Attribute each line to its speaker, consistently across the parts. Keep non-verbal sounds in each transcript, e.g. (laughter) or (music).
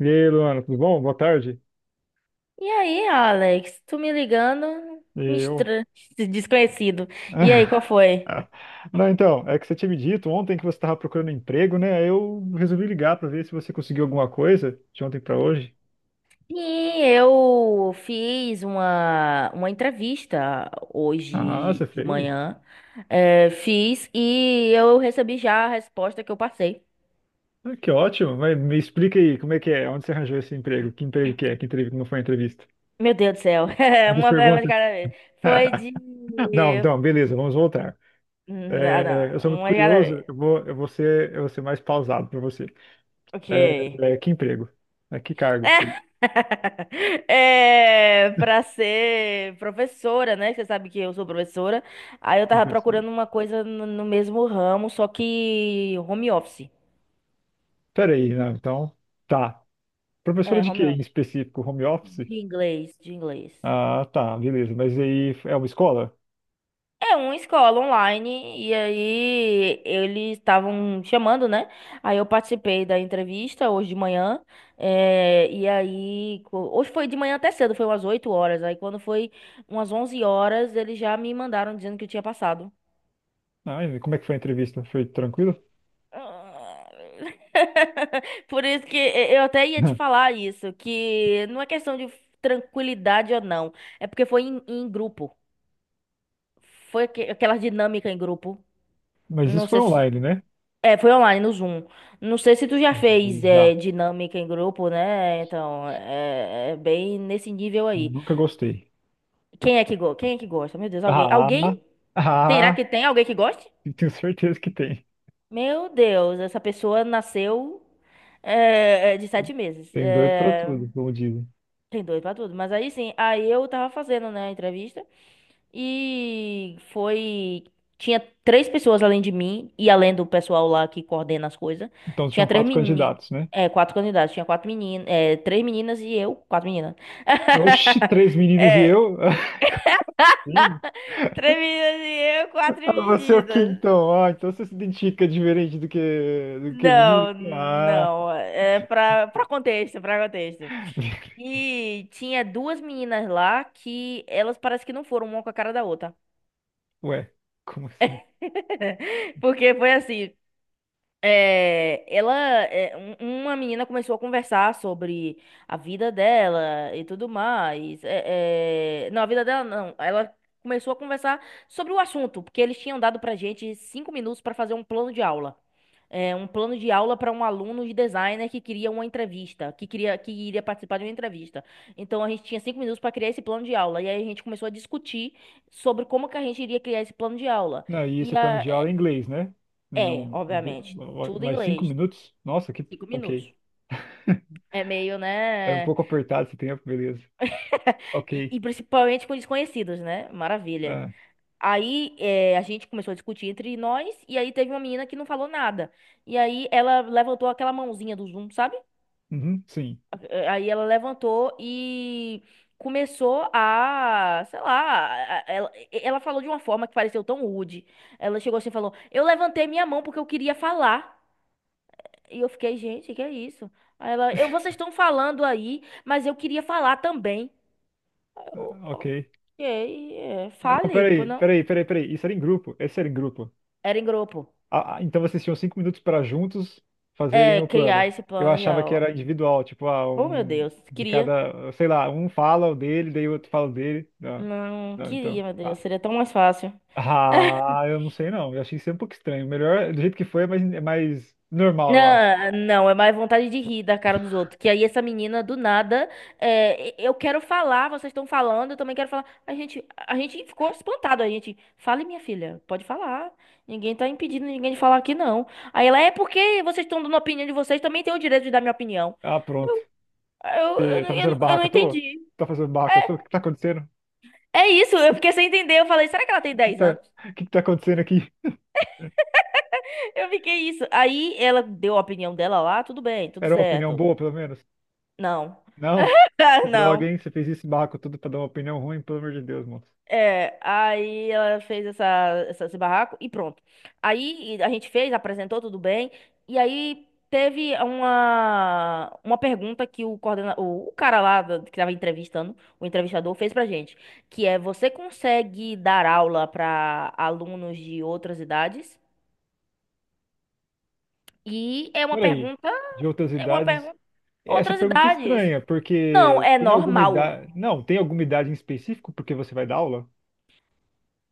Speaker 1: E aí, Luana, tudo bom? Boa tarde.
Speaker 2: E aí, Alex, tu me ligando,
Speaker 1: E
Speaker 2: me
Speaker 1: eu.
Speaker 2: estra- (laughs) desconhecido. E aí, qual
Speaker 1: (laughs)
Speaker 2: foi?
Speaker 1: Não, então, é que você tinha me dito ontem que você estava procurando emprego, né? Aí eu resolvi ligar para ver se você conseguiu alguma coisa de ontem para hoje.
Speaker 2: Sim, eu fiz uma entrevista
Speaker 1: Ah,
Speaker 2: hoje
Speaker 1: você
Speaker 2: de
Speaker 1: fez?
Speaker 2: manhã. É, fiz e eu recebi já a resposta que eu passei.
Speaker 1: Ah, que ótimo. Mas me explica aí, como é que é? Onde você arranjou esse emprego? Que emprego que é? Que entrevista? Como foi a entrevista?
Speaker 2: Meu Deus do céu, (laughs) é
Speaker 1: Muitas
Speaker 2: uma pergunta de
Speaker 1: perguntas.
Speaker 2: cada vez. Foi de.
Speaker 1: (laughs) Não, não, beleza, vamos voltar.
Speaker 2: Não,
Speaker 1: É, eu
Speaker 2: não,
Speaker 1: sou muito
Speaker 2: uma de cada
Speaker 1: curioso,
Speaker 2: vez.
Speaker 1: eu vou ser mais pausado para você.
Speaker 2: Ok.
Speaker 1: É, que emprego? É, que
Speaker 2: (laughs)
Speaker 1: cargo?
Speaker 2: (laughs) É, para ser professora, né? Você sabe que eu sou professora. Aí eu tava
Speaker 1: você-
Speaker 2: procurando uma coisa no mesmo ramo, só que home office.
Speaker 1: Peraí, não, então, tá. Professora
Speaker 2: É,
Speaker 1: de quê
Speaker 2: home
Speaker 1: em
Speaker 2: office.
Speaker 1: específico? Home office?
Speaker 2: De inglês, de inglês.
Speaker 1: Ah, tá, beleza. Mas aí é uma escola?
Speaker 2: É uma escola online, e aí eles estavam chamando, né? Aí eu participei da entrevista hoje de manhã. E aí, hoje foi de manhã até cedo, foi umas 8 horas. Aí quando foi umas 11 horas, eles já me mandaram dizendo que eu tinha passado.
Speaker 1: Ah, e como é que foi a entrevista? Foi tranquilo?
Speaker 2: Ah, (laughs) Por isso que eu até ia te
Speaker 1: (laughs)
Speaker 2: falar isso, que não é questão de tranquilidade ou não, é porque foi em grupo. Foi aquela dinâmica em grupo.
Speaker 1: Mas
Speaker 2: Não
Speaker 1: isso foi
Speaker 2: sei se.
Speaker 1: online, né?
Speaker 2: É, foi online, no Zoom. Não sei se tu já fez
Speaker 1: Já.
Speaker 2: dinâmica em grupo, né? Então, é bem nesse nível aí.
Speaker 1: Nunca gostei.
Speaker 2: Quem é que gosta? Meu Deus, alguém.
Speaker 1: Ah,
Speaker 2: Alguém? Terá
Speaker 1: ah,
Speaker 2: que tem alguém que goste?
Speaker 1: tenho certeza que tem.
Speaker 2: Meu Deus, essa pessoa nasceu de 7 meses.
Speaker 1: Tem doido pra tudo, como dizem.
Speaker 2: Tem dois pra tudo. Mas aí sim, aí eu tava fazendo, né, a entrevista. E foi. Tinha três pessoas além de mim, e além do pessoal lá que coordena as coisas.
Speaker 1: Então
Speaker 2: Tinha
Speaker 1: tinham
Speaker 2: três
Speaker 1: quatro
Speaker 2: meninas.
Speaker 1: candidatos, né?
Speaker 2: É, quatro candidatos. Tinha quatro meninas. É, três meninas e eu. Quatro meninas.
Speaker 1: Oxi, três
Speaker 2: (laughs)
Speaker 1: meninas e
Speaker 2: É,
Speaker 1: eu? (laughs) Sim.
Speaker 2: três meninas e eu, quatro
Speaker 1: Ah, você é o quê
Speaker 2: meninas.
Speaker 1: então? Ah, então você se identifica diferente do que menino?
Speaker 2: Não,
Speaker 1: Ah,
Speaker 2: não. É pra contexto, pra contexto.
Speaker 1: (laughs)
Speaker 2: E tinha duas meninas lá que elas parece que não foram uma com a cara da outra.
Speaker 1: Ué, como assim?
Speaker 2: (laughs) Porque foi assim, é, ela, é, uma menina começou a conversar sobre a vida dela e tudo mais. Não, a vida dela não. Ela começou a conversar sobre o assunto, porque eles tinham dado pra gente 5 minutos para fazer um plano de aula. Um plano de aula para um aluno de designer que queria uma entrevista, que queria que iria participar de uma entrevista. Então a gente tinha 5 minutos para criar esse plano de aula. E aí a gente começou a discutir sobre como que a gente iria criar esse plano de aula.
Speaker 1: Não, e
Speaker 2: E
Speaker 1: esse plano
Speaker 2: a,
Speaker 1: de aula é inglês, né?
Speaker 2: é,
Speaker 1: Não,
Speaker 2: obviamente. Tudo em
Speaker 1: mais cinco
Speaker 2: inglês.
Speaker 1: minutos? Nossa, que.
Speaker 2: 5 minutos.
Speaker 1: Ok. (laughs)
Speaker 2: É meio,
Speaker 1: É um
Speaker 2: né?
Speaker 1: pouco apertado esse tempo, beleza.
Speaker 2: (laughs) E,
Speaker 1: Ok.
Speaker 2: e principalmente com desconhecidos, né? Maravilha.
Speaker 1: Ah,
Speaker 2: Aí a gente começou a discutir entre nós, e aí teve uma menina que não falou nada. E aí ela levantou aquela mãozinha do Zoom, sabe?
Speaker 1: uhum, sim.
Speaker 2: Aí ela levantou e começou a, sei lá, ela falou de uma forma que pareceu tão rude. Ela chegou assim e falou: Eu levantei minha mão porque eu queria falar. E eu fiquei, gente, que é isso? Aí ela, eu, vocês estão falando aí, mas eu queria falar também. Eu,
Speaker 1: Ah, ok.
Speaker 2: ok,
Speaker 1: Ah, não,
Speaker 2: fale, pô,
Speaker 1: peraí,
Speaker 2: não.
Speaker 1: peraí, peraí, peraí. Isso era em grupo. Esse era em grupo.
Speaker 2: Era em grupo.
Speaker 1: Ah, então vocês tinham 5 minutos para juntos fazerem
Speaker 2: É,
Speaker 1: o
Speaker 2: criar
Speaker 1: plano.
Speaker 2: esse
Speaker 1: Eu
Speaker 2: plano de
Speaker 1: achava que
Speaker 2: aula.
Speaker 1: era individual, tipo, ah,
Speaker 2: Oh, meu
Speaker 1: um
Speaker 2: Deus,
Speaker 1: de
Speaker 2: queria.
Speaker 1: cada, sei lá, um fala o dele, daí o outro fala o dele. Não,
Speaker 2: Não,
Speaker 1: não, então,
Speaker 2: queria, meu Deus,
Speaker 1: tá.
Speaker 2: seria tão mais fácil.
Speaker 1: Ah, eu não sei não. Eu achei sempre um pouco estranho. Melhor, do jeito que foi, é mais normal, eu acho.
Speaker 2: Não, não, é mais vontade de rir da cara dos outros. Que aí essa menina, do nada, eu quero falar, vocês estão falando, eu também quero falar. A gente ficou espantado, a gente. Fale, minha filha, pode falar. Ninguém tá impedindo ninguém de falar aqui, não. Aí ela, é porque vocês estão dando a opinião de vocês, também tenho o direito de dar minha opinião.
Speaker 1: Ah, pronto.
Speaker 2: Aí Eu, eu, não-
Speaker 1: Tá
Speaker 2: eu,
Speaker 1: fazendo
Speaker 2: não eu não
Speaker 1: barraca à toa?
Speaker 2: entendi.
Speaker 1: Tá fazendo barraca à toa? O
Speaker 2: É
Speaker 1: que que tá acontecendo?
Speaker 2: é isso, eu fiquei sem entender. Eu falei, será que ela tem
Speaker 1: O que que
Speaker 2: 10
Speaker 1: tá,
Speaker 2: anos?
Speaker 1: o que que tá acontecendo aqui?
Speaker 2: (laughs) Eu fiquei isso. Aí ela deu a opinião dela lá, tudo bem, tudo
Speaker 1: Era uma opinião
Speaker 2: certo.
Speaker 1: boa, pelo menos?
Speaker 2: Não.
Speaker 1: Não? Que
Speaker 2: (laughs)
Speaker 1: droga,
Speaker 2: Não.
Speaker 1: hein? Você fez esse barraco tudo pra dar uma opinião ruim, pelo amor de Deus, moço.
Speaker 2: Aí ela fez esse barraco e pronto. Aí a gente fez, apresentou tudo bem. E aí teve uma pergunta que o cara lá que tava entrevistando, o entrevistador, fez pra gente, que é você consegue dar aula para alunos de outras idades? E é uma
Speaker 1: Por aí,
Speaker 2: pergunta,
Speaker 1: de outras
Speaker 2: é uma
Speaker 1: idades.
Speaker 2: pergunta,
Speaker 1: Essa
Speaker 2: outras
Speaker 1: pergunta é
Speaker 2: idades.
Speaker 1: estranha,
Speaker 2: Não,
Speaker 1: porque
Speaker 2: é
Speaker 1: tem alguma
Speaker 2: normal.
Speaker 1: idade. Não, tem alguma idade em específico porque você vai dar aula?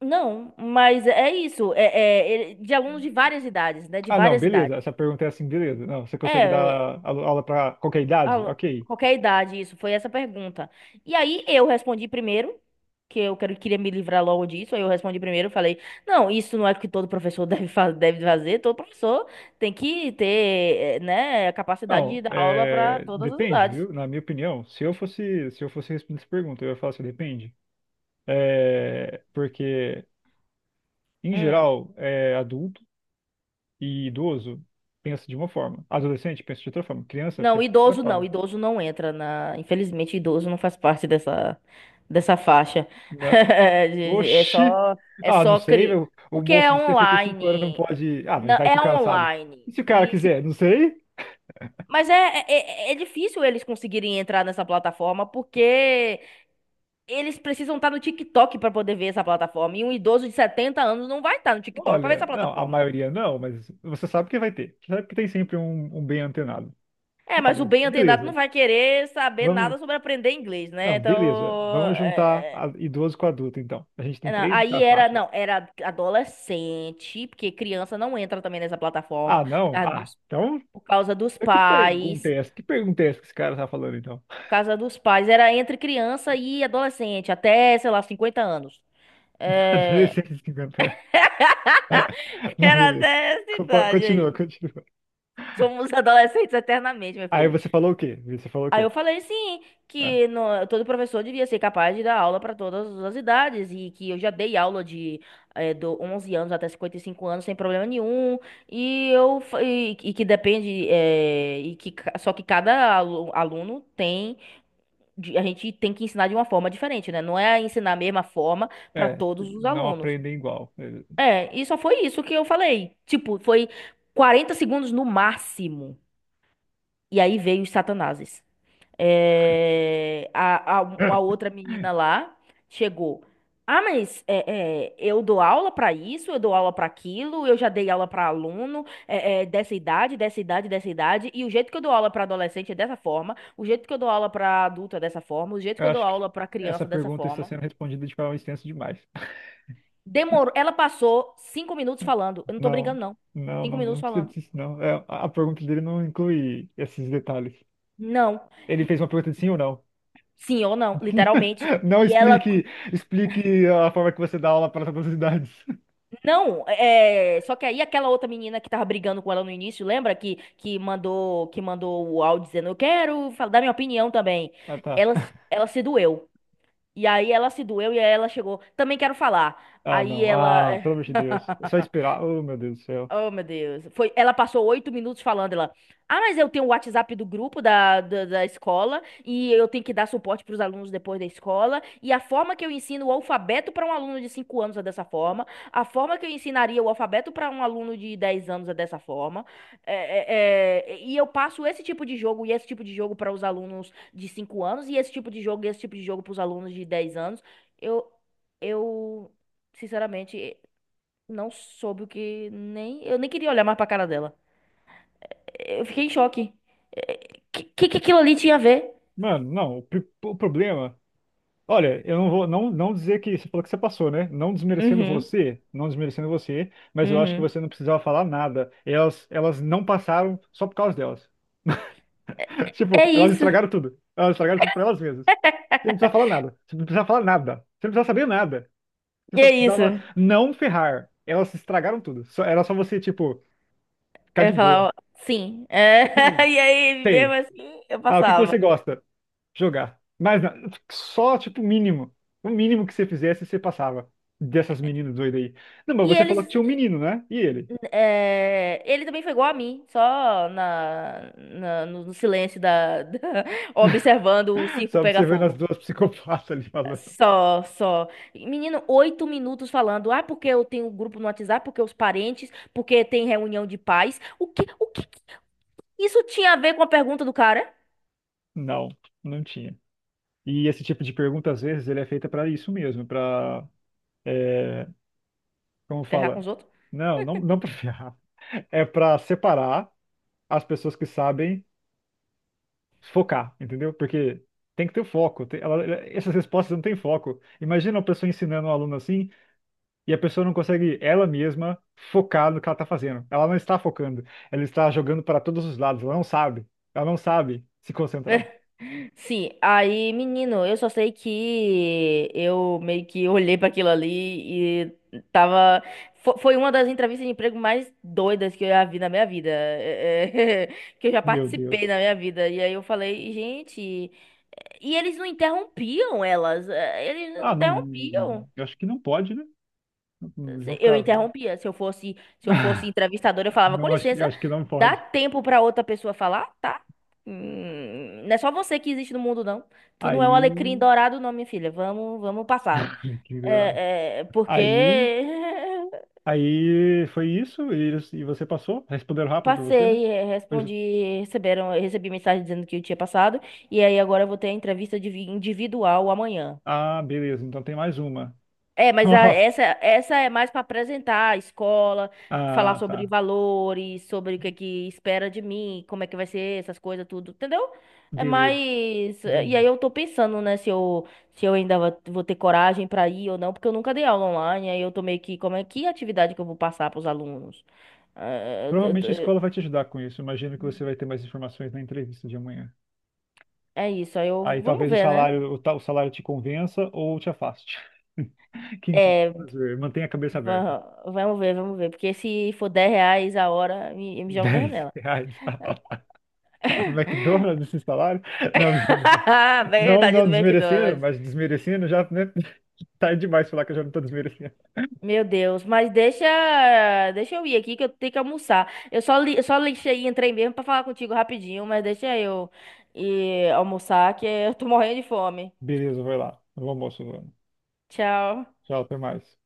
Speaker 2: Não, mas é isso. De alunos de várias idades, né? De
Speaker 1: Ah, não,
Speaker 2: várias
Speaker 1: beleza.
Speaker 2: idades.
Speaker 1: Essa pergunta é assim, beleza. Não, você consegue dar
Speaker 2: É,
Speaker 1: aula para qualquer idade?
Speaker 2: a-
Speaker 1: Ok.
Speaker 2: qualquer idade, isso. Foi essa pergunta. E aí eu respondi primeiro, que eu queria me livrar logo disso. Aí eu respondi primeiro, falei: Não, isso não é o que todo professor (laughs) deve fazer. Todo professor tem que ter, né, a capacidade
Speaker 1: Não,
Speaker 2: de dar aula para
Speaker 1: é,
Speaker 2: todas as
Speaker 1: depende,
Speaker 2: idades.
Speaker 1: viu? Na minha opinião, se eu fosse responder essa pergunta, eu ia falar assim, depende. É, porque, em
Speaker 2: Hum.
Speaker 1: geral, adulto e idoso pensa de uma forma. Adolescente pensa de outra forma. Criança
Speaker 2: Não,
Speaker 1: pensa de outra
Speaker 2: idoso não,
Speaker 1: forma.
Speaker 2: idoso não entra na. Infelizmente, idoso não faz parte dessa faixa.
Speaker 1: Na...
Speaker 2: (laughs) É
Speaker 1: Oxi!
Speaker 2: só, é
Speaker 1: Ah, não
Speaker 2: só
Speaker 1: sei,
Speaker 2: cri...
Speaker 1: meu. O
Speaker 2: porque é
Speaker 1: moço de 65 anos não
Speaker 2: online,
Speaker 1: pode. Ah, mas
Speaker 2: não
Speaker 1: vai que o
Speaker 2: é
Speaker 1: cara sabe.
Speaker 2: online
Speaker 1: E se o cara
Speaker 2: e se-
Speaker 1: quiser? Não sei.
Speaker 2: Mas é difícil eles conseguirem entrar nessa plataforma porque eles precisam estar no TikTok para poder ver essa plataforma. E um idoso de 70 anos não vai estar no TikTok para ver
Speaker 1: Olha,
Speaker 2: essa
Speaker 1: não, a
Speaker 2: plataforma.
Speaker 1: maioria não, mas você sabe que vai ter. Você sabe que tem sempre um bem antenado.
Speaker 2: É,
Speaker 1: Não,
Speaker 2: mas o
Speaker 1: mas
Speaker 2: bem antenado não
Speaker 1: beleza.
Speaker 2: vai querer saber
Speaker 1: Vamos.
Speaker 2: nada sobre aprender inglês, né?
Speaker 1: Não, beleza.
Speaker 2: Então,
Speaker 1: Vamos juntar idoso com adulto, então. A gente tem
Speaker 2: não,
Speaker 1: três tá,
Speaker 2: aí era,
Speaker 1: faixas.
Speaker 2: não, era adolescente, porque criança não entra também nessa plataforma,
Speaker 1: Ah, não? Ah, então.
Speaker 2: por causa dos
Speaker 1: Eu Que pergunta
Speaker 2: pais,
Speaker 1: é essa? Que pergunta é essa que esse cara tá falando, então?
Speaker 2: era entre criança e adolescente, até, sei lá, 50 anos.
Speaker 1: (laughs)
Speaker 2: É,
Speaker 1: Adolescente de 50 anos.
Speaker 2: (laughs)
Speaker 1: (laughs) Não,
Speaker 2: Era
Speaker 1: beleza.
Speaker 2: até essa idade
Speaker 1: Continua,
Speaker 2: aí.
Speaker 1: continua.
Speaker 2: Somos adolescentes eternamente, meu
Speaker 1: Aí
Speaker 2: filho.
Speaker 1: você falou o quê? Você falou o
Speaker 2: Aí
Speaker 1: quê?
Speaker 2: eu falei sim,
Speaker 1: Ah,
Speaker 2: que todo professor devia ser capaz de dar aula para todas as idades e que eu já dei aula do 11 anos até 55 anos sem problema nenhum e e que depende e que só que cada aluno tem a gente tem que ensinar de uma forma diferente, né? Não é ensinar a mesma forma para
Speaker 1: é,
Speaker 2: todos os
Speaker 1: não
Speaker 2: alunos.
Speaker 1: aprendem igual.
Speaker 2: E só foi isso que eu falei. Tipo, foi 40 segundos no máximo. E aí veio os satanases. Uma
Speaker 1: (laughs)
Speaker 2: outra menina lá chegou. Ah, mas eu dou aula para isso, eu dou aula para aquilo, eu já dei aula para aluno dessa idade, dessa idade, dessa idade, e o jeito que eu dou aula para adolescente é dessa forma, o jeito que eu dou aula para adulto é dessa forma, o jeito que
Speaker 1: Eu
Speaker 2: eu dou
Speaker 1: acho que
Speaker 2: aula para
Speaker 1: essa
Speaker 2: criança é dessa
Speaker 1: pergunta está
Speaker 2: forma.
Speaker 1: sendo respondida de forma extensa demais.
Speaker 2: Demorou. Ela passou 5 minutos falando. Eu não tô
Speaker 1: Não,
Speaker 2: brincando, não.
Speaker 1: não,
Speaker 2: Cinco
Speaker 1: não,
Speaker 2: minutos
Speaker 1: não precisa
Speaker 2: falando.
Speaker 1: disso, não. É, a pergunta dele não inclui esses detalhes.
Speaker 2: Não.
Speaker 1: Ele fez uma pergunta de sim ou não.
Speaker 2: Sim ou não, literalmente.
Speaker 1: (laughs) Não
Speaker 2: E ela.
Speaker 1: explique, explique a forma que você dá aula para todas as idades. (laughs)
Speaker 2: Não, é, só que aí aquela outra menina que tava brigando com ela no início, lembra que mandou o áudio dizendo, eu quero dar minha opinião também.
Speaker 1: Ah, tá.
Speaker 2: Ela se doeu. E aí ela se doeu e aí ela chegou, também quero falar.
Speaker 1: Ah,
Speaker 2: Aí
Speaker 1: não.
Speaker 2: ela
Speaker 1: Ah, pelo amor de Deus. É só
Speaker 2: (laughs)
Speaker 1: esperar. Oh, meu Deus do céu.
Speaker 2: Oh, meu Deus. Foi, ela passou 8 minutos falando, ela. Ah, mas eu tenho o WhatsApp do grupo da escola e eu tenho que dar suporte para os alunos depois da escola. E a forma que eu ensino o alfabeto para um aluno de 5 anos é dessa forma. A forma que eu ensinaria o alfabeto para um aluno de 10 anos é dessa forma. E eu passo esse tipo de jogo e esse tipo de jogo para os alunos de 5 anos e esse tipo de jogo e esse tipo de jogo para os alunos de 10 anos. Eu, eu, sinceramente. Não soube o que nem. Eu nem queria olhar mais pra cara dela. Eu fiquei em choque. É, que aquilo ali tinha a ver?
Speaker 1: Mano, não, o problema. Olha, eu não vou não, não dizer que você falou que você passou, né? Não desmerecendo
Speaker 2: Uhum,
Speaker 1: você, não desmerecendo você, mas eu acho que
Speaker 2: uhum.
Speaker 1: você não precisava falar nada. Elas não passaram só por causa delas. Tipo,
Speaker 2: É
Speaker 1: elas
Speaker 2: isso,
Speaker 1: estragaram tudo. Elas estragaram tudo pra elas mesmas. Você não precisava falar nada. Você não precisava falar nada. Você não precisava saber nada. Você só
Speaker 2: é isso.
Speaker 1: precisava não ferrar. Elas estragaram tudo. Era só você, tipo, ficar
Speaker 2: Eu
Speaker 1: de boa.
Speaker 2: falava, sim. É,
Speaker 1: Sim,
Speaker 2: (laughs) E aí, mesmo
Speaker 1: sei.
Speaker 2: assim, eu
Speaker 1: Ah, o que que
Speaker 2: passava.
Speaker 1: você gosta? Jogar. Mas só, tipo, o mínimo. O mínimo que você fizesse, você passava. Dessas meninas doidas aí. Não, mas
Speaker 2: E
Speaker 1: você
Speaker 2: eles.
Speaker 1: falou que tinha um menino, né? E ele?
Speaker 2: Ele também foi igual a mim, só no silêncio da, (laughs) observando o circo
Speaker 1: Só
Speaker 2: pegar
Speaker 1: observando as
Speaker 2: fogo.
Speaker 1: duas (laughs) psicopatas ali falando.
Speaker 2: Só, só. Menino, 8 minutos falando. Ah, porque eu tenho um grupo no WhatsApp, porque os parentes, porque tem reunião de pais. O que que isso tinha a ver com a pergunta do cara?
Speaker 1: Não, não tinha. E esse tipo de pergunta, às vezes, ele é feita pra isso mesmo, pra é, como
Speaker 2: Ferrar com
Speaker 1: fala?
Speaker 2: os outros?
Speaker 1: Não, não, não para ferrar. (laughs) É para separar as pessoas que sabem focar, entendeu? Porque tem que ter o foco. Essas respostas não têm foco. Imagina uma pessoa ensinando um aluno assim e a pessoa não consegue ela mesma focar no que ela está fazendo. Ela não está focando. Ela está jogando para todos os lados. Ela não sabe. Ela não sabe se concentrar.
Speaker 2: Sim, aí, menino, eu só sei que eu meio que olhei pra aquilo ali e tava. Foi uma das entrevistas de emprego mais doidas que eu já vi na minha vida. (laughs) Que eu já
Speaker 1: Meu
Speaker 2: participei
Speaker 1: Deus.
Speaker 2: na minha vida. E aí eu falei, gente. E eles não interrompiam elas, eles não
Speaker 1: Ah, não.
Speaker 2: interrompiam.
Speaker 1: Eu acho que não pode, né? Eles vão
Speaker 2: Eu
Speaker 1: ficar.
Speaker 2: interrompia. Se eu fosse
Speaker 1: (laughs)
Speaker 2: entrevistadora, eu falava, com
Speaker 1: Não, acho que,
Speaker 2: licença,
Speaker 1: acho que não
Speaker 2: dá
Speaker 1: pode.
Speaker 2: tempo para outra pessoa falar, tá? Não é só você que existe no mundo, não. Tu não é o
Speaker 1: Aí.
Speaker 2: alecrim dourado, não, minha filha. Vamos, vamos passar.
Speaker 1: Fiquei ignorado.
Speaker 2: Porque
Speaker 1: Aí,
Speaker 2: (laughs)
Speaker 1: aí foi isso e você passou? Responderam rápido pra você, né?
Speaker 2: passei,
Speaker 1: Pois-
Speaker 2: respondi, receberam, recebi mensagem dizendo que eu tinha passado, e aí agora eu vou ter a entrevista individual amanhã.
Speaker 1: ah, beleza. Então tem mais uma.
Speaker 2: É,
Speaker 1: (laughs)
Speaker 2: mas a-
Speaker 1: Nossa.
Speaker 2: essa, essa é mais para apresentar a escola, falar
Speaker 1: Ah,
Speaker 2: sobre
Speaker 1: tá.
Speaker 2: valores, sobre o que é que espera de mim, como é que vai ser essas coisas, tudo, entendeu? É
Speaker 1: Beleza.
Speaker 2: mais. E aí
Speaker 1: Entendi.
Speaker 2: eu tô pensando, né, se eu ainda vou ter coragem para ir ou não, porque eu nunca dei aula online, aí eu tô meio que, como é que atividade que eu vou passar para os alunos? Ah, eu- eu tô-
Speaker 1: Provavelmente a escola vai te ajudar com isso. Imagino que você vai ter mais informações na entrevista de amanhã.
Speaker 2: É isso, aí eu.
Speaker 1: Aí
Speaker 2: Vamos
Speaker 1: talvez o
Speaker 2: ver, né?
Speaker 1: salário, o salário te convença ou te afaste. (laughs) Quem sabe?
Speaker 2: É,
Speaker 1: Vamos ver. Mantenha a cabeça aberta.
Speaker 2: Vamos ver, vamos ver, porque se for R$ 10 a hora, me jogo da
Speaker 1: Dez
Speaker 2: janela.
Speaker 1: reais. (laughs) McDonald's esse salário? Não, (laughs) mentira.
Speaker 2: (laughs) Bem,
Speaker 1: Não,
Speaker 2: tadinho
Speaker 1: não
Speaker 2: do
Speaker 1: desmerecendo,
Speaker 2: McDonald's.
Speaker 1: mas desmerecendo já, né? Tá demais falar que eu já não tô desmerecendo.
Speaker 2: Meu Deus, mas deixa eu ir aqui que eu tenho que almoçar. Eu só li, eu só lixei e entrei mesmo pra falar contigo rapidinho, mas deixa eu ir almoçar que eu tô morrendo de fome.
Speaker 1: Beleza, vai lá. Bom almoço, Luana.
Speaker 2: Tchau.
Speaker 1: Tchau, até mais.